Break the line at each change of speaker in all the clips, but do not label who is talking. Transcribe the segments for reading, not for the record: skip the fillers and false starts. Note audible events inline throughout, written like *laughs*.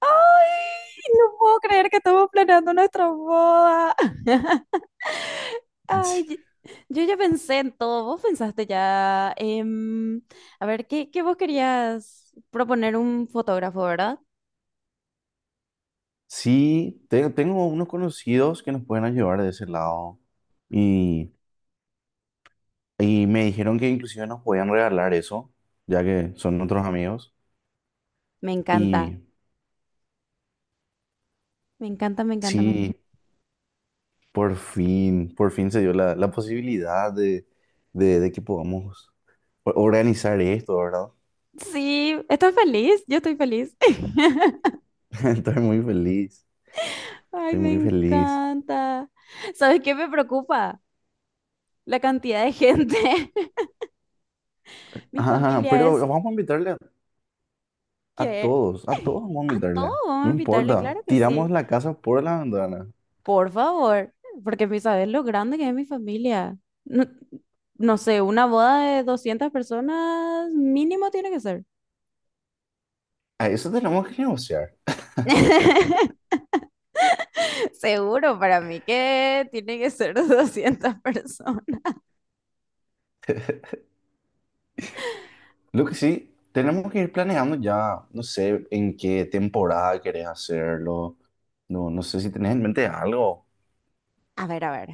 ¡Ay! No puedo creer que estamos planeando nuestra boda. *laughs*
Sí,
Ay, yo ya pensé en todo. Vos pensaste ya. A ver, ¿qué vos querías proponer un fotógrafo, verdad?
sí, tengo unos conocidos que nos pueden ayudar de ese lado y, y me dijeron que inclusive nos podían regalar eso, ya que son otros amigos.
Me encanta.
Y
Me encanta, me encanta, me
sí,
encanta.
por fin se dio la posibilidad de que podamos organizar esto, ¿verdad?
Sí, ¿estás feliz? Yo estoy feliz. *laughs*
*laughs* Estoy muy feliz,
Ay,
estoy
me
muy feliz.
encanta. ¿Sabes qué me preocupa? La cantidad de gente. *laughs* Mi
Ah,
familia
pero
es
vamos a invitarle
que...
a todos vamos a
A todos
invitarle,
vamos a
no
invitarle,
importa,
claro que sí.
tiramos la casa por la ventana.
Por favor, porque mi sabes lo grande que es mi familia. No, no sé, una boda de 200 personas mínimo tiene que ser.
A eso tenemos que negociar.
*laughs* Seguro para mí que tiene que ser de 200 personas.
Lo que sí, tenemos que ir planeando ya, no sé en qué temporada querés hacerlo. No, no sé si tenés en mente algo.
A ver, a ver.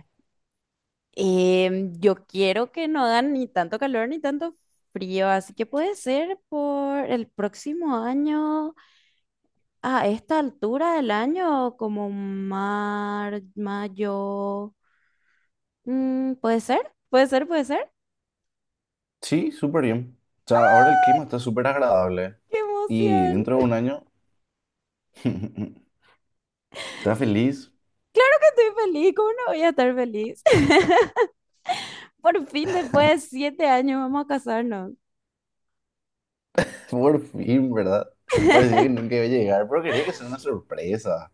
Yo quiero que no hagan ni tanto calor ni tanto frío, así que puede ser por el próximo año, a esta altura del año, como mayo. Mm, ¿puede ser? ¿Puede ser? ¿Puede ser?
Sí, súper bien. O sea, ahora el clima está súper agradable.
¡Qué
Y
emoción!
dentro de un año, *laughs* está feliz.
Estoy feliz, ¿cómo no voy a estar feliz? *laughs* Por fin, después de
*laughs*
7 años, vamos a casarnos.
Por fin, ¿verdad? Parecía que nunca iba a llegar, pero quería que sea una sorpresa.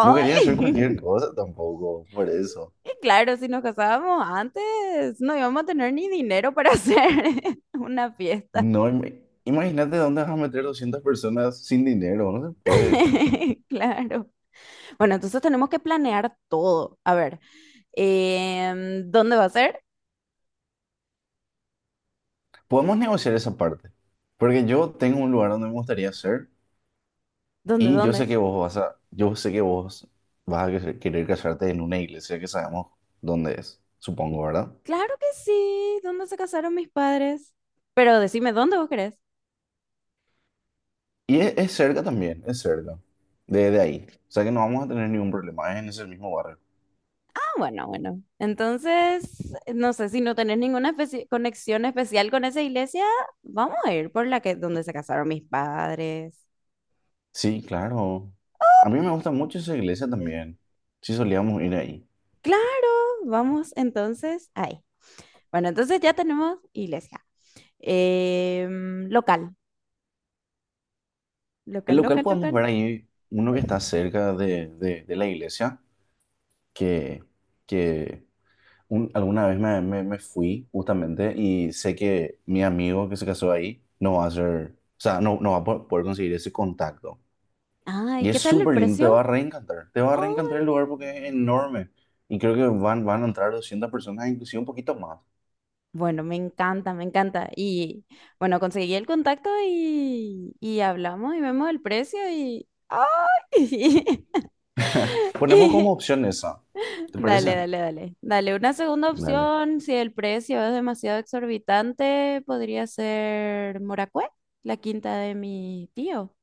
No quería hacer cualquier
*laughs*
cosa tampoco, por eso.
Y claro, si nos casábamos antes, no íbamos a tener ni dinero para hacer *laughs* una fiesta.
No, imagínate dónde vas a meter 200 personas sin dinero, no se puede.
*laughs* Claro. Bueno, entonces tenemos que planear todo. A ver, ¿dónde va a ser?
Podemos negociar esa parte, porque yo tengo un lugar donde me gustaría ser
¿Dónde,
y yo sé
dónde?
que vos vas a, yo sé que vos vas a querer querer casarte en una iglesia que sabemos dónde es, supongo, ¿verdad?
Claro que sí, ¿dónde se casaron mis padres? Pero decime, ¿dónde vos querés?
Y es cerca también, es cerca, de ahí. O sea que no vamos a tener ningún problema, es en ese mismo barrio.
Bueno, bueno. Entonces, no sé si no tenés ninguna conexión especial con esa iglesia, vamos a ir por la que donde se casaron mis padres.
Sí, claro. A mí me gusta mucho esa iglesia también. Sí, solíamos ir ahí.
Claro, vamos entonces ahí. Bueno, entonces ya tenemos iglesia. Local,
El
local,
local
local,
podemos
local.
ver ahí uno que está cerca de la iglesia, que, que alguna vez me fui justamente y sé que mi amigo que se casó ahí no va a ser, o sea, no, no va a poder conseguir ese contacto.
Ay,
Y es
¿qué tal el
súper lindo, te va
precio?
a reencantar, te va a
Ay,
reencantar el lugar porque es enorme. Y creo que van a entrar 200 personas, inclusive un poquito más.
bueno, me encanta, me encanta. Y bueno, conseguí el contacto y hablamos y vemos el precio y... ¡Ay! *laughs*
*laughs* Ponemos como
Y,
opción esa, ¿te
dale,
parece?
dale, dale. Dale, una segunda
Dale.
opción, si el precio es demasiado exorbitante, podría ser Moracué, la quinta de mi tío.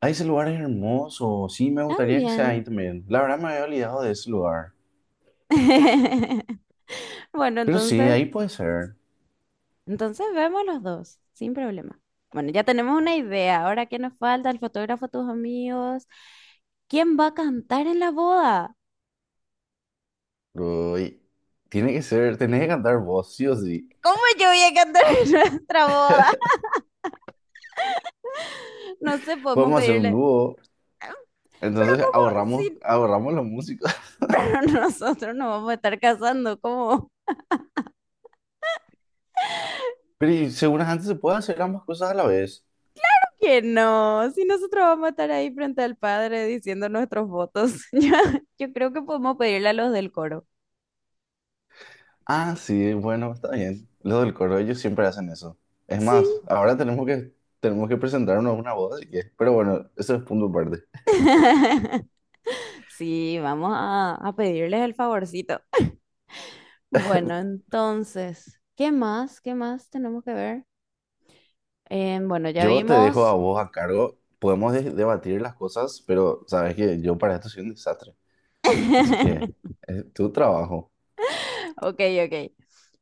Ah, ese lugar es hermoso, sí, me gustaría que sea
También.
ahí también. La verdad me había olvidado de ese lugar.
*laughs* Bueno,
Pero sí,
entonces,
ahí puede ser.
entonces vemos los dos, sin problema. Bueno, ya tenemos una idea. Ahora, ¿qué nos falta? El fotógrafo, tus amigos. ¿Quién va a cantar en la boda?
Uy, tiene que ser, tenés que cantar vos, sí o sí.
¿Cómo yo voy a cantar en nuestra boda? *laughs* No sé, podemos
Podemos hacer un
pedirle.
dúo,
"Ah, pero
entonces
¿cómo?
ahorramos,
Sí,
ahorramos los músicos. *laughs*
pero *laughs* nosotros nos vamos a estar casando, ¿cómo?
Pero y según antes se puede hacer ambas cosas a la vez.
*laughs* Que no, si nosotros vamos a estar ahí frente al padre diciendo nuestros votos, *laughs* yo creo que podemos pedirle a los del coro.
Ah, sí, bueno, está bien. Los del coro, ellos siempre hacen eso. Es
Sí.
más, ahora tenemos que presentarnos a una boda, así que, pero bueno, eso es punto aparte.
*laughs* Sí, vamos a pedirles el favorcito. *laughs* Bueno, entonces, ¿qué más? ¿Qué más tenemos que ver? Bueno, ya
Yo te dejo a
vimos.
vos a cargo, podemos debatir las cosas, pero sabes que yo para esto soy un desastre. Así que
*laughs*
es tu trabajo.
Ok, ok.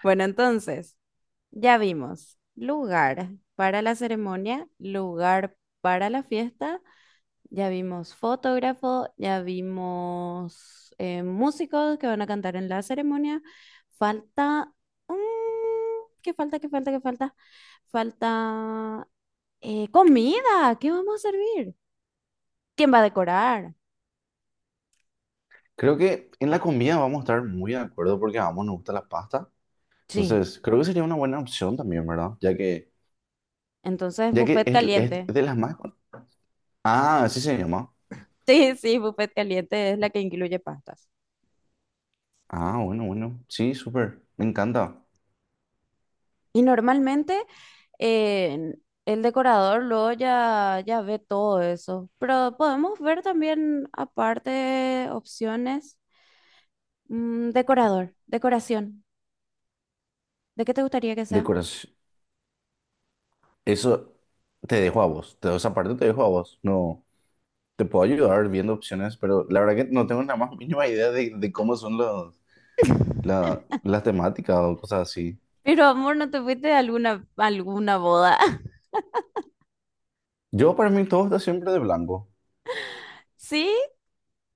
Bueno, entonces. Ya vimos lugar para la ceremonia, lugar para la fiesta, ya vimos fotógrafo, ya vimos músicos que van a cantar en la ceremonia. Falta... mm, ¿qué falta? ¿Qué falta? ¿Qué falta? Falta comida. ¿Qué vamos a servir? ¿Quién va a decorar?
Creo que en la comida vamos a estar muy de acuerdo porque a ambos nos gusta la pasta.
Sí.
Entonces, creo que sería una buena opción también, ¿verdad? Ya que,
Entonces,
ya que
buffet
es
caliente.
de las más, con... Ah, así se llama.
Sí, sí, buffet caliente es la que incluye pastas.
Ah, bueno, bueno. Sí, súper. Me encanta.
Y normalmente eh, el decorador luego ya, ya ve todo eso, pero podemos ver también aparte opciones, decorador, decoración, ¿de qué te gustaría que sea?
Decoración. Eso te dejo a vos. Te, esa parte te dejo a vos. No, te puedo ayudar viendo opciones, pero la verdad que no tengo la más mínima idea de cómo son los, las temáticas o cosas así.
Pero amor, ¿no te fuiste a alguna boda? *laughs*
Yo para mí todo está siempre de blanco.
Sí,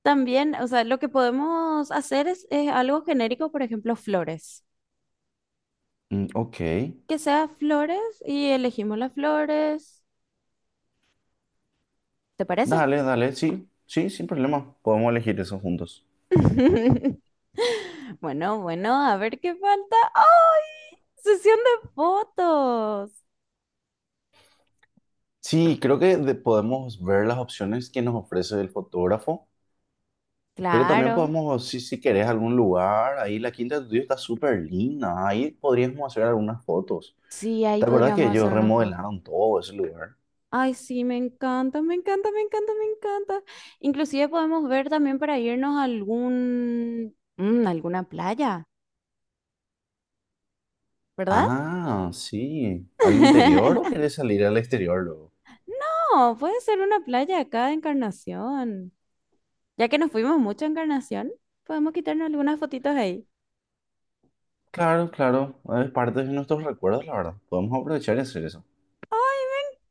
también, o sea, lo que podemos hacer es algo genérico, por ejemplo, flores.
Mm, ok.
Que sea flores y elegimos las flores. ¿Te parece?
Dale, dale. Sí, sí, sin problema. Podemos elegir eso juntos.
*laughs* Bueno, bueno, a ver qué falta. ¡Ay! Sesión de fotos.
Sí, creo que podemos ver las opciones que nos ofrece el fotógrafo, pero también
Claro.
podemos, si querés algún lugar, ahí la Quinta de Tuyo está súper linda, ahí podríamos hacer algunas fotos.
Sí, ahí
¿Te acuerdas que
podríamos hacer
ellos
una foto.
remodelaron todo ese lugar?
Ay, sí, me encanta, me encanta, me encanta, me encanta. Inclusive podemos ver también para irnos a algún, alguna playa, ¿verdad?
Ah, sí. ¿Al interior o
*laughs*
querés salir al exterior luego?
No, puede ser una playa acá de Encarnación. Ya que nos fuimos mucho a Encarnación, podemos quitarnos algunas fotitos ahí.
Claro, claro, es parte de nuestros recuerdos, la verdad. Podemos aprovechar y hacer eso.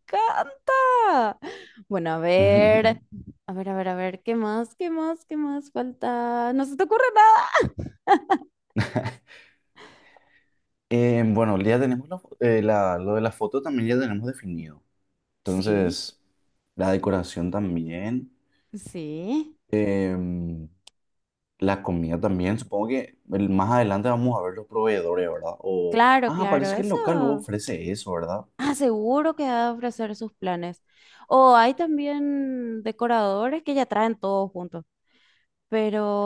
Encanta. Bueno, a ver,
*laughs*
a ver, a ver, a ver, ¿qué más? ¿Qué más? ¿Qué más falta? No se te ocurre nada.
Bueno, ya tenemos lo de la foto, también ya tenemos definido.
Sí,
Entonces, la decoración también,
sí.
em, la comida también. Supongo que el, más adelante vamos a ver los proveedores, ¿verdad? O,
Claro,
ah,
claro,
parece que el local luego
eso.
ofrece eso, ¿verdad?
Ah, seguro que va a ofrecer sus planes. O hay también decoradores que ya traen todo juntos.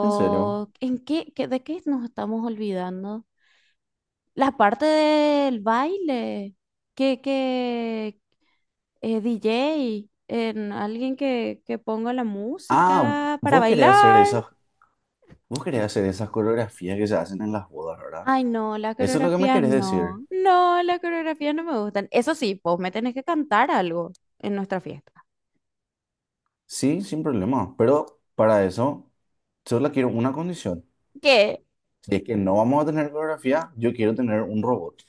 ¿En serio?
¿en qué, de qué nos estamos olvidando? La parte del baile, que DJ, en alguien que ponga la
Ah,
música para
vos querés hacer
bailar.
esas, vos querés hacer esas coreografías que se hacen en las bodas, ¿verdad?
Ay, no, la
Eso es lo que me
coreografía
querés
no.
decir.
No, la coreografía no me gustan. Eso sí, vos me tenés que cantar algo en nuestra fiesta.
Sí, sin problema. Pero para eso, solo quiero una condición.
¿Qué?
Si es que no vamos a tener coreografía, yo quiero tener un robot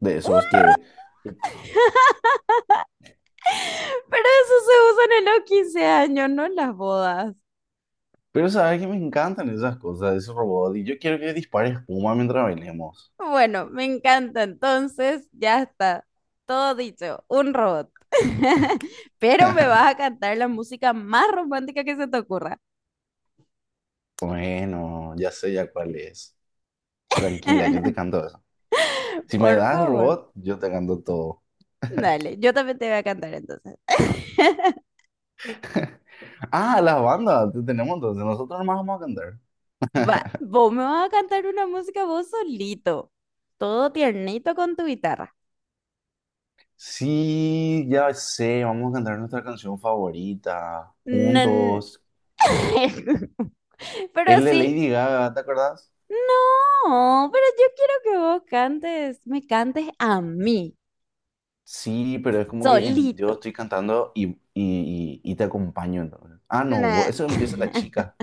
de esos que...
*laughs* Pero eso se usan en los 15 años, no en las bodas.
Pero sabes que me encantan esas cosas de ese robot y yo quiero que dispare espuma mientras bailemos.
Bueno, me encanta. Entonces, ya está. Todo dicho, un robot. *laughs* Pero me vas a
*laughs*
cantar la música más romántica que se te ocurra.
Bueno, ya sé ya cuál es. Tranquila, yo te
*laughs*
canto eso. Si me
Por
das el
favor.
robot, yo te canto todo.
Dale, yo también te voy a cantar entonces. *laughs*
Ah, las bandas, te tenemos entonces. Nosotros nomás vamos a cantar.
Va, vos me vas a cantar una música vos solito. Todo tiernito con tu guitarra.
Sí, ya sé, vamos a cantar nuestra canción favorita.
Nan-
Juntos.
*laughs* Pero
Es de
sí.
Lady Gaga, ¿te acordás?
No, pero yo quiero que vos cantes, me cantes a mí,
Sí, pero es como que en, yo
solito.
estoy cantando y te acompaño entonces. Ah, no, vos,
Nah.
eso empieza la
*laughs*
chica.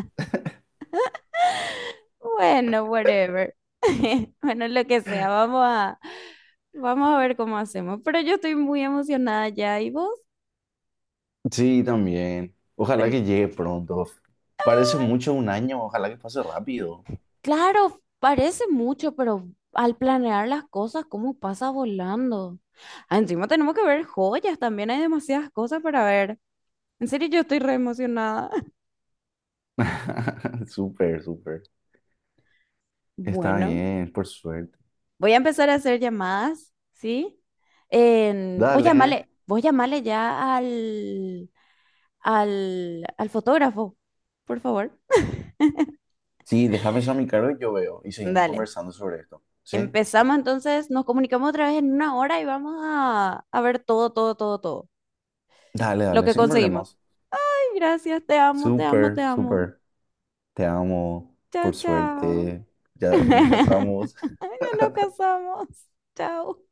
Bueno, whatever. *laughs* Bueno, lo que sea, vamos a, vamos a ver cómo hacemos. Pero yo estoy muy emocionada ya. ¿Y vos?
Sí, también. Ojalá
Ten-
que llegue pronto. Parece mucho un año, ojalá que pase rápido.
Claro, parece mucho, pero al planear las cosas, ¿cómo pasa volando? Ah, encima tenemos que ver joyas, también hay demasiadas cosas para ver. En serio, yo estoy re emocionada. *laughs*
*laughs* Súper, súper. Está
Bueno.
bien, por suerte.
Voy a empezar a hacer llamadas, ¿sí? En,
Dale.
vos llamale ya al, al, al fotógrafo, por favor.
Sí, déjame eso a mi cargo y yo veo. Y seguimos
Dale.
conversando sobre esto. ¿Sí?
Empezamos entonces, nos comunicamos otra vez en una hora y vamos a ver todo, todo, todo, todo.
Dale,
Lo
dale,
que
sin
conseguimos.
problemas.
Ay, gracias, te amo, te amo, te
Súper,
amo.
súper. Te amo,
Chao,
por
chao.
suerte. Ya nos casamos.
*laughs* Ya
*laughs*
nos casamos. Chao.